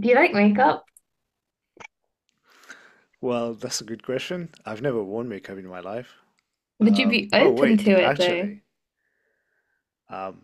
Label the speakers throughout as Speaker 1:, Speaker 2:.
Speaker 1: Do you like makeup?
Speaker 2: Well, that's a good question. I've never worn makeup in my life.
Speaker 1: Would you be
Speaker 2: Oh,
Speaker 1: open to
Speaker 2: wait,
Speaker 1: it though?
Speaker 2: actually, um,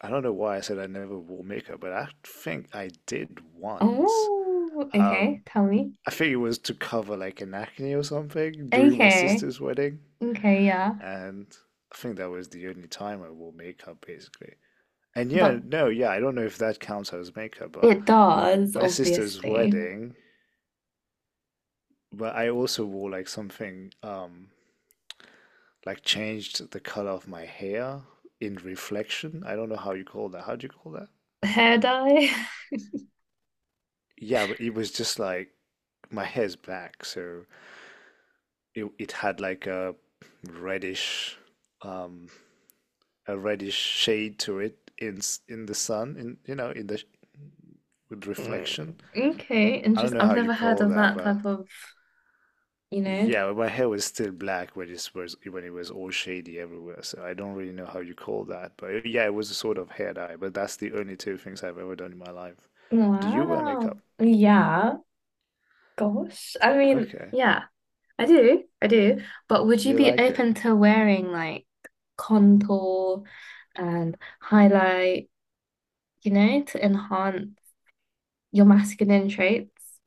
Speaker 2: I don't know why I said I never wore makeup, but I think I did once.
Speaker 1: Oh,
Speaker 2: Um,
Speaker 1: okay. Tell me.
Speaker 2: I think it was to cover like an acne or something during my
Speaker 1: Okay.
Speaker 2: sister's wedding,
Speaker 1: Okay, yeah.
Speaker 2: and I think that was the only time I wore makeup basically. And yeah,
Speaker 1: But
Speaker 2: no, yeah, I don't know if that counts as makeup, but
Speaker 1: it does,
Speaker 2: my sister's
Speaker 1: obviously.
Speaker 2: wedding, but I also wore like something like changed the color of my hair in reflection. I don't know how you call that. How do you call that?
Speaker 1: Hair dye?
Speaker 2: Yeah, but it was just like my hair's black, so it had like reddish um a reddish shade to it in the sun, in you know in the with
Speaker 1: Mm.
Speaker 2: reflection.
Speaker 1: Okay,
Speaker 2: I don't
Speaker 1: interesting.
Speaker 2: know
Speaker 1: I've
Speaker 2: how you
Speaker 1: never heard
Speaker 2: call
Speaker 1: of
Speaker 2: that,
Speaker 1: that
Speaker 2: but,
Speaker 1: type of, you know.
Speaker 2: yeah, but my hair was still black when it was all shady everywhere. So I don't really know how you call that. But yeah, it was a sort of hair dye. But that's the only two things I've ever done in my life. Do you wear
Speaker 1: Wow.
Speaker 2: makeup?
Speaker 1: Yeah. Gosh. I mean,
Speaker 2: Okay.
Speaker 1: yeah, I do. I do. But would
Speaker 2: Do
Speaker 1: you
Speaker 2: you
Speaker 1: be
Speaker 2: like it?
Speaker 1: open to wearing like contour and highlight, you know, to enhance your masculine traits?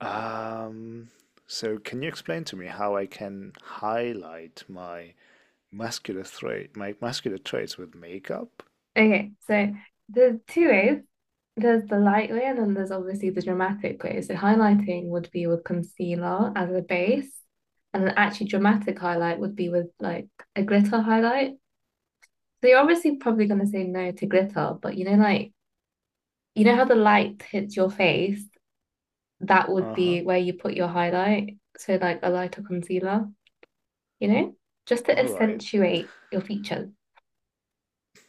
Speaker 2: Um, so can you explain to me how I can highlight my my muscular traits with makeup?
Speaker 1: Okay, so there's two ways. There's the light way, and then there's obviously the dramatic way. So highlighting would be with concealer as a base, and an actually dramatic highlight would be with like a glitter highlight. So you're obviously probably going to say no to glitter, but you know, like you know how the light hits your face, that would
Speaker 2: Uh-huh.
Speaker 1: be where you put your highlight. So like a lighter concealer, you know, just to
Speaker 2: All right.
Speaker 1: accentuate your features.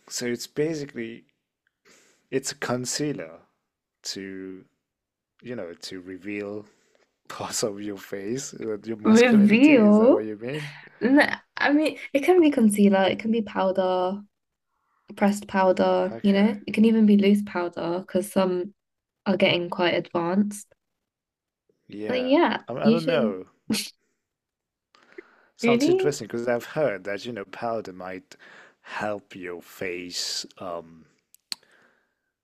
Speaker 2: So it's basically it's a concealer to, to reveal parts of your face, your masculinity. Is that
Speaker 1: Reveal.
Speaker 2: what you mean?
Speaker 1: No, I mean, it can be concealer, it can be powder, pressed powder, you
Speaker 2: Okay,
Speaker 1: know, it can even be loose powder because some are getting quite advanced. But
Speaker 2: yeah.
Speaker 1: yeah,
Speaker 2: I
Speaker 1: you
Speaker 2: don't
Speaker 1: should
Speaker 2: know. Sounds
Speaker 1: really.
Speaker 2: interesting because I've heard that, powder might help your face,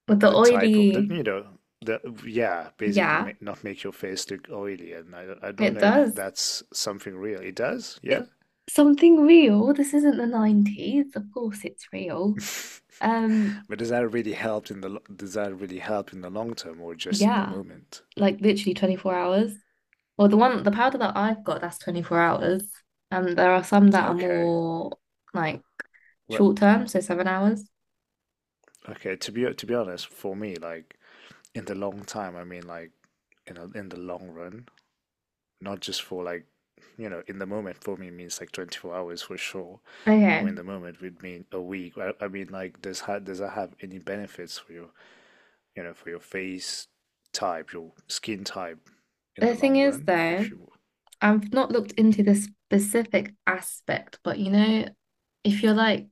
Speaker 1: But the
Speaker 2: the type of the,
Speaker 1: oily,
Speaker 2: the, yeah, basically
Speaker 1: yeah,
Speaker 2: make, not make your face look oily. And I don't
Speaker 1: it
Speaker 2: know if
Speaker 1: does.
Speaker 2: that's something real. It does, yeah?
Speaker 1: It something real. This isn't the 90s. Of course it's real. Um,
Speaker 2: But does that really help in the, lo- does that really help in the long term, or just in the
Speaker 1: yeah,
Speaker 2: moment?
Speaker 1: like literally 24 hours. Well, the one, the powder that I've got, that's 24 hours. And there are some that are
Speaker 2: Okay.
Speaker 1: more like
Speaker 2: Well,
Speaker 1: short term, so 7 hours.
Speaker 2: okay, to be honest, for me, like in the long time, I mean, like in the long run, not just for like, in the moment for me means like 24 hours for sure, or
Speaker 1: Okay.
Speaker 2: in the moment would mean a week. I mean, like, does that have any benefits for your, for your face type, your skin type in
Speaker 1: The
Speaker 2: the
Speaker 1: thing
Speaker 2: long
Speaker 1: is,
Speaker 2: run,
Speaker 1: though,
Speaker 2: if you.
Speaker 1: I've not looked into the specific aspect, but you know, if you're like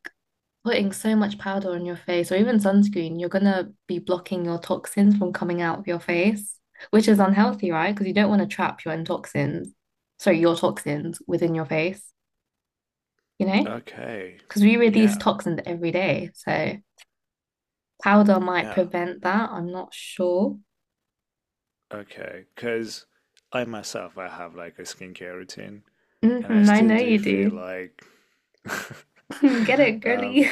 Speaker 1: putting so much powder on your face or even sunscreen, you're gonna be blocking your toxins from coming out of your face, which is unhealthy, right? Because you don't want to trap your own toxins, sorry, your toxins within your face, you know?
Speaker 2: Okay,
Speaker 1: Because we release
Speaker 2: yeah,
Speaker 1: toxins every day. So powder might
Speaker 2: yeah,
Speaker 1: prevent that. I'm not sure.
Speaker 2: okay, because I myself I have like a skincare routine, and I
Speaker 1: Hmm, I
Speaker 2: still
Speaker 1: know
Speaker 2: do
Speaker 1: you
Speaker 2: feel
Speaker 1: do.
Speaker 2: like
Speaker 1: Get it, girly.
Speaker 2: um,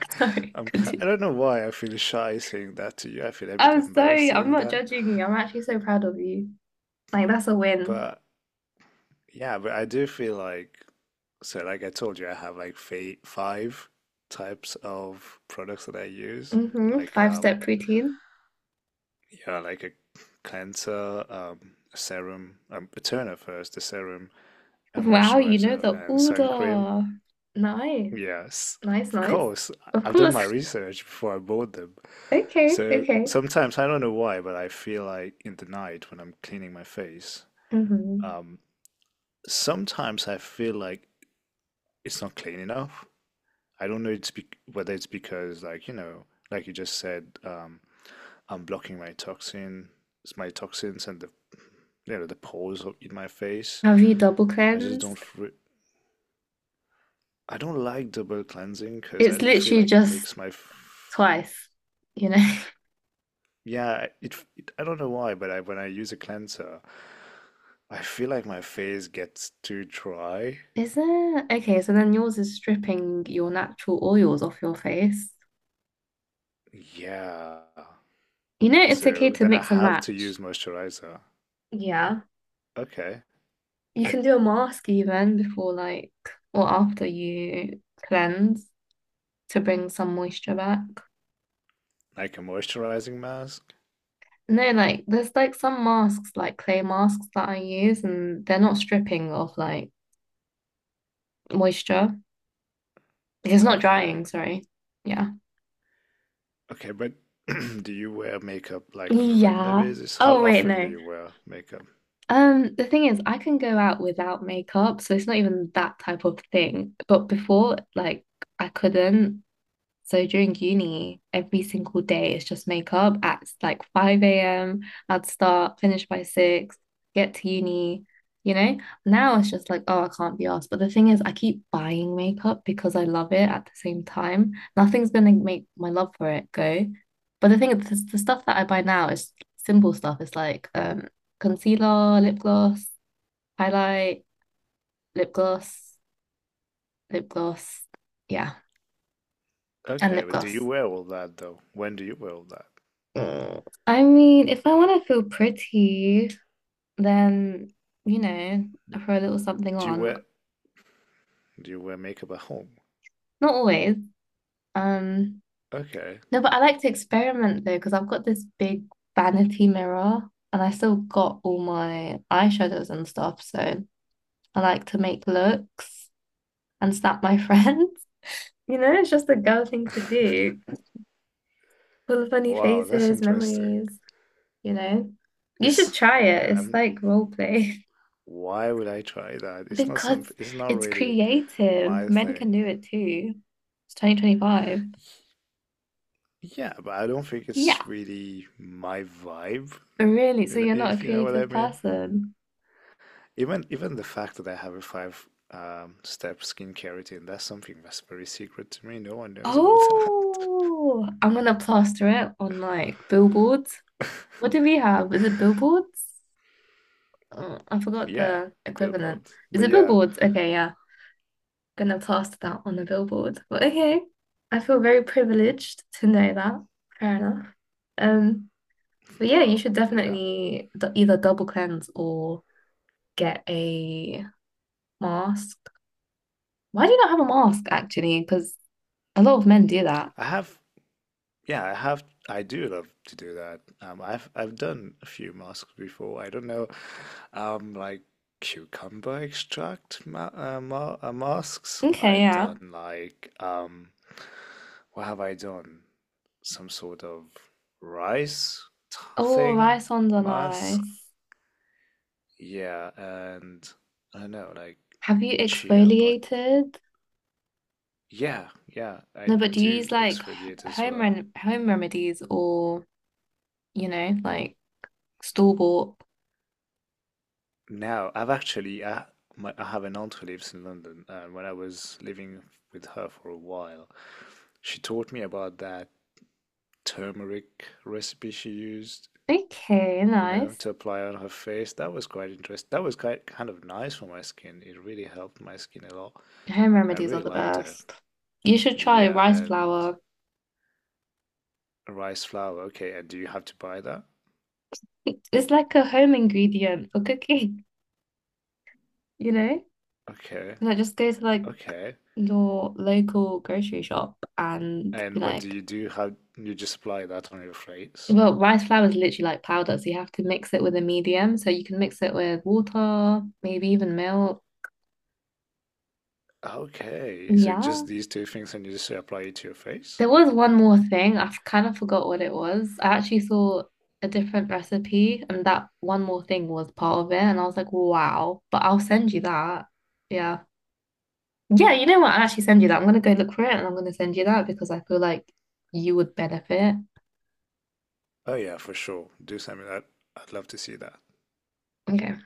Speaker 1: Sorry,
Speaker 2: I
Speaker 1: continue.
Speaker 2: don't know why I feel shy saying that to you. I feel a bit
Speaker 1: I'm
Speaker 2: embarrassed
Speaker 1: sorry. I'm
Speaker 2: saying
Speaker 1: not
Speaker 2: that,
Speaker 1: judging you. I'm actually so proud of you. Like, that's a win.
Speaker 2: but yeah, but I do feel like so. Like I told you, I have like fa five types of products that I use,
Speaker 1: Hmm.
Speaker 2: like,
Speaker 1: Five-step routine.
Speaker 2: yeah, like a cleanser, a serum, a toner first, a serum, a
Speaker 1: Wow, you know
Speaker 2: moisturizer,
Speaker 1: the
Speaker 2: and sun cream.
Speaker 1: order. Nice,
Speaker 2: Yes,
Speaker 1: nice,
Speaker 2: of
Speaker 1: nice.
Speaker 2: course. I
Speaker 1: Of
Speaker 2: have done
Speaker 1: course.
Speaker 2: my research before I bought them.
Speaker 1: Okay,
Speaker 2: So
Speaker 1: okay.
Speaker 2: sometimes, I don't know why, but I feel like in the night when I'm cleaning my face,
Speaker 1: Hmm.
Speaker 2: um, sometimes I feel like it's not clean enough. I don't know it's be whether it's because, like, like you just said, I'm blocking my toxins and the pores in my face.
Speaker 1: Have you double
Speaker 2: I just don't,
Speaker 1: cleansed?
Speaker 2: re- I don't like double cleansing because I,
Speaker 1: It's
Speaker 2: I feel
Speaker 1: literally
Speaker 2: like it
Speaker 1: just
Speaker 2: makes my f-.
Speaker 1: twice, you know?
Speaker 2: Yeah, it I don't know why, but I when I use a cleanser, I feel like my face gets too dry.
Speaker 1: Is there? Okay, so then yours is stripping your natural oils off your face.
Speaker 2: Yeah.
Speaker 1: You know, it's okay
Speaker 2: So
Speaker 1: to
Speaker 2: then I
Speaker 1: mix and
Speaker 2: have to
Speaker 1: match.
Speaker 2: use moisturizer.
Speaker 1: Yeah.
Speaker 2: Okay.
Speaker 1: You can do a mask even before, like, or after you cleanse to bring some moisture back.
Speaker 2: Like a moisturizing mask?
Speaker 1: No, like, there's like some masks, like clay masks that I use, and they're not stripping of like moisture. It's not
Speaker 2: Okay.
Speaker 1: drying, sorry. Yeah.
Speaker 2: Okay, but do you wear makeup like on a regular
Speaker 1: Yeah.
Speaker 2: basis? How
Speaker 1: Oh, wait,
Speaker 2: often do
Speaker 1: no.
Speaker 2: you wear makeup?
Speaker 1: The thing is, I can go out without makeup, so it's not even that type of thing. But before, like, I couldn't. So during uni, every single day it's just makeup at like 5 a.m. I'd start, finish by 6, get to uni, you know? Now it's just like, oh, I can't be asked. But the thing is, I keep buying makeup because I love it at the same time. Nothing's gonna make my love for it go. But the thing is, the stuff that I buy now is simple stuff. It's like concealer, lip gloss, highlight, lip gloss, lip gloss, yeah, and
Speaker 2: Okay,
Speaker 1: lip
Speaker 2: but do you
Speaker 1: gloss.
Speaker 2: wear all that though? When do you wear all that?
Speaker 1: Mm, I mean, if I want to feel pretty, then you know, I throw a little something
Speaker 2: Do you
Speaker 1: on.
Speaker 2: wear do you wear makeup at home?
Speaker 1: Not always. Um,
Speaker 2: Okay.
Speaker 1: no, but I like to experiment though, because I've got this big vanity mirror and I still got all my eyeshadows and stuff. So I like to make looks and snap my friends. You know, it's just a girl thing to do. Full of funny
Speaker 2: Wow, that's
Speaker 1: faces,
Speaker 2: interesting.
Speaker 1: memories, you know. You
Speaker 2: It's
Speaker 1: should try it.
Speaker 2: Yeah.
Speaker 1: It's
Speaker 2: I've
Speaker 1: like role play.
Speaker 2: Why would I try that? It's not
Speaker 1: Because
Speaker 2: something, it's not
Speaker 1: it's
Speaker 2: really
Speaker 1: creative.
Speaker 2: my
Speaker 1: Men can
Speaker 2: thing.
Speaker 1: do it too. It's 2025.
Speaker 2: Yeah, but I don't think
Speaker 1: Yeah.
Speaker 2: it's really my vibe,
Speaker 1: Really? So you're not
Speaker 2: if
Speaker 1: a
Speaker 2: you know what I
Speaker 1: creative
Speaker 2: mean.
Speaker 1: person?
Speaker 2: Even the fact that I have a five step skincare routine, that's something that's very secret to me. No one knows about that.
Speaker 1: Oh, I'm gonna plaster it on like billboards. What do we have? Is it billboards? Oh, I forgot
Speaker 2: Yeah,
Speaker 1: the equivalent.
Speaker 2: billboards.
Speaker 1: Is
Speaker 2: But
Speaker 1: it
Speaker 2: yeah,
Speaker 1: billboards? Okay, yeah. Gonna plaster that on a billboard. But okay. I feel very privileged to know that. Fair enough. Um, but yeah, you
Speaker 2: well,
Speaker 1: should
Speaker 2: yeah.
Speaker 1: definitely either double cleanse or get a mask. Why do you not have a mask actually? Because a lot of men do that.
Speaker 2: I have Yeah, I have. I do love to do that. I've done a few masks before. I don't know, like cucumber extract ma ma masks.
Speaker 1: Okay,
Speaker 2: I've
Speaker 1: yeah.
Speaker 2: done like what have I done? Some sort of rice t-
Speaker 1: Oh,
Speaker 2: thing
Speaker 1: rice ones are
Speaker 2: mask.
Speaker 1: nice.
Speaker 2: Yeah, and I don't know, like
Speaker 1: Have you
Speaker 2: chia. But
Speaker 1: exfoliated?
Speaker 2: yeah, yeah, I
Speaker 1: No, but do you
Speaker 2: do
Speaker 1: use like
Speaker 2: exfoliate as well.
Speaker 1: home remedies or, you know, like store bought?
Speaker 2: Now, I've actually I, my, I have an aunt who lives in London, and when I was living with her for a while, she taught me about that turmeric recipe she used,
Speaker 1: Okay,
Speaker 2: you know,
Speaker 1: nice.
Speaker 2: to apply on her face. That was quite interesting. That was quite kind of nice for my skin. It really helped my skin a lot,
Speaker 1: Home
Speaker 2: and I
Speaker 1: remedies are
Speaker 2: really
Speaker 1: the
Speaker 2: liked it.
Speaker 1: best. You should try
Speaker 2: Yeah,
Speaker 1: rice
Speaker 2: and
Speaker 1: flour.
Speaker 2: rice flour. Okay, and do you have to buy that?
Speaker 1: It's like a home ingredient for cooking, you know?
Speaker 2: Okay,
Speaker 1: Like just go to like
Speaker 2: okay.
Speaker 1: your local grocery shop and be
Speaker 2: And what do
Speaker 1: like,
Speaker 2: you do? How you just apply that on your face?
Speaker 1: well, rice flour is literally like powder, so you have to mix it with a medium. So you can mix it with water, maybe even milk.
Speaker 2: Okay, so
Speaker 1: Yeah.
Speaker 2: just these two things and you just apply it to your face?
Speaker 1: There was one more thing. I've kind of forgot what it was. I actually saw a different recipe, and that one more thing was part of it. And I was like, wow, but I'll send you that. Yeah. Yeah, you know what? I'll actually send you that. I'm gonna go look for it and I'm gonna send you that because I feel like you would benefit.
Speaker 2: Oh yeah, for sure. Do something that I'd love to see that.
Speaker 1: Okay.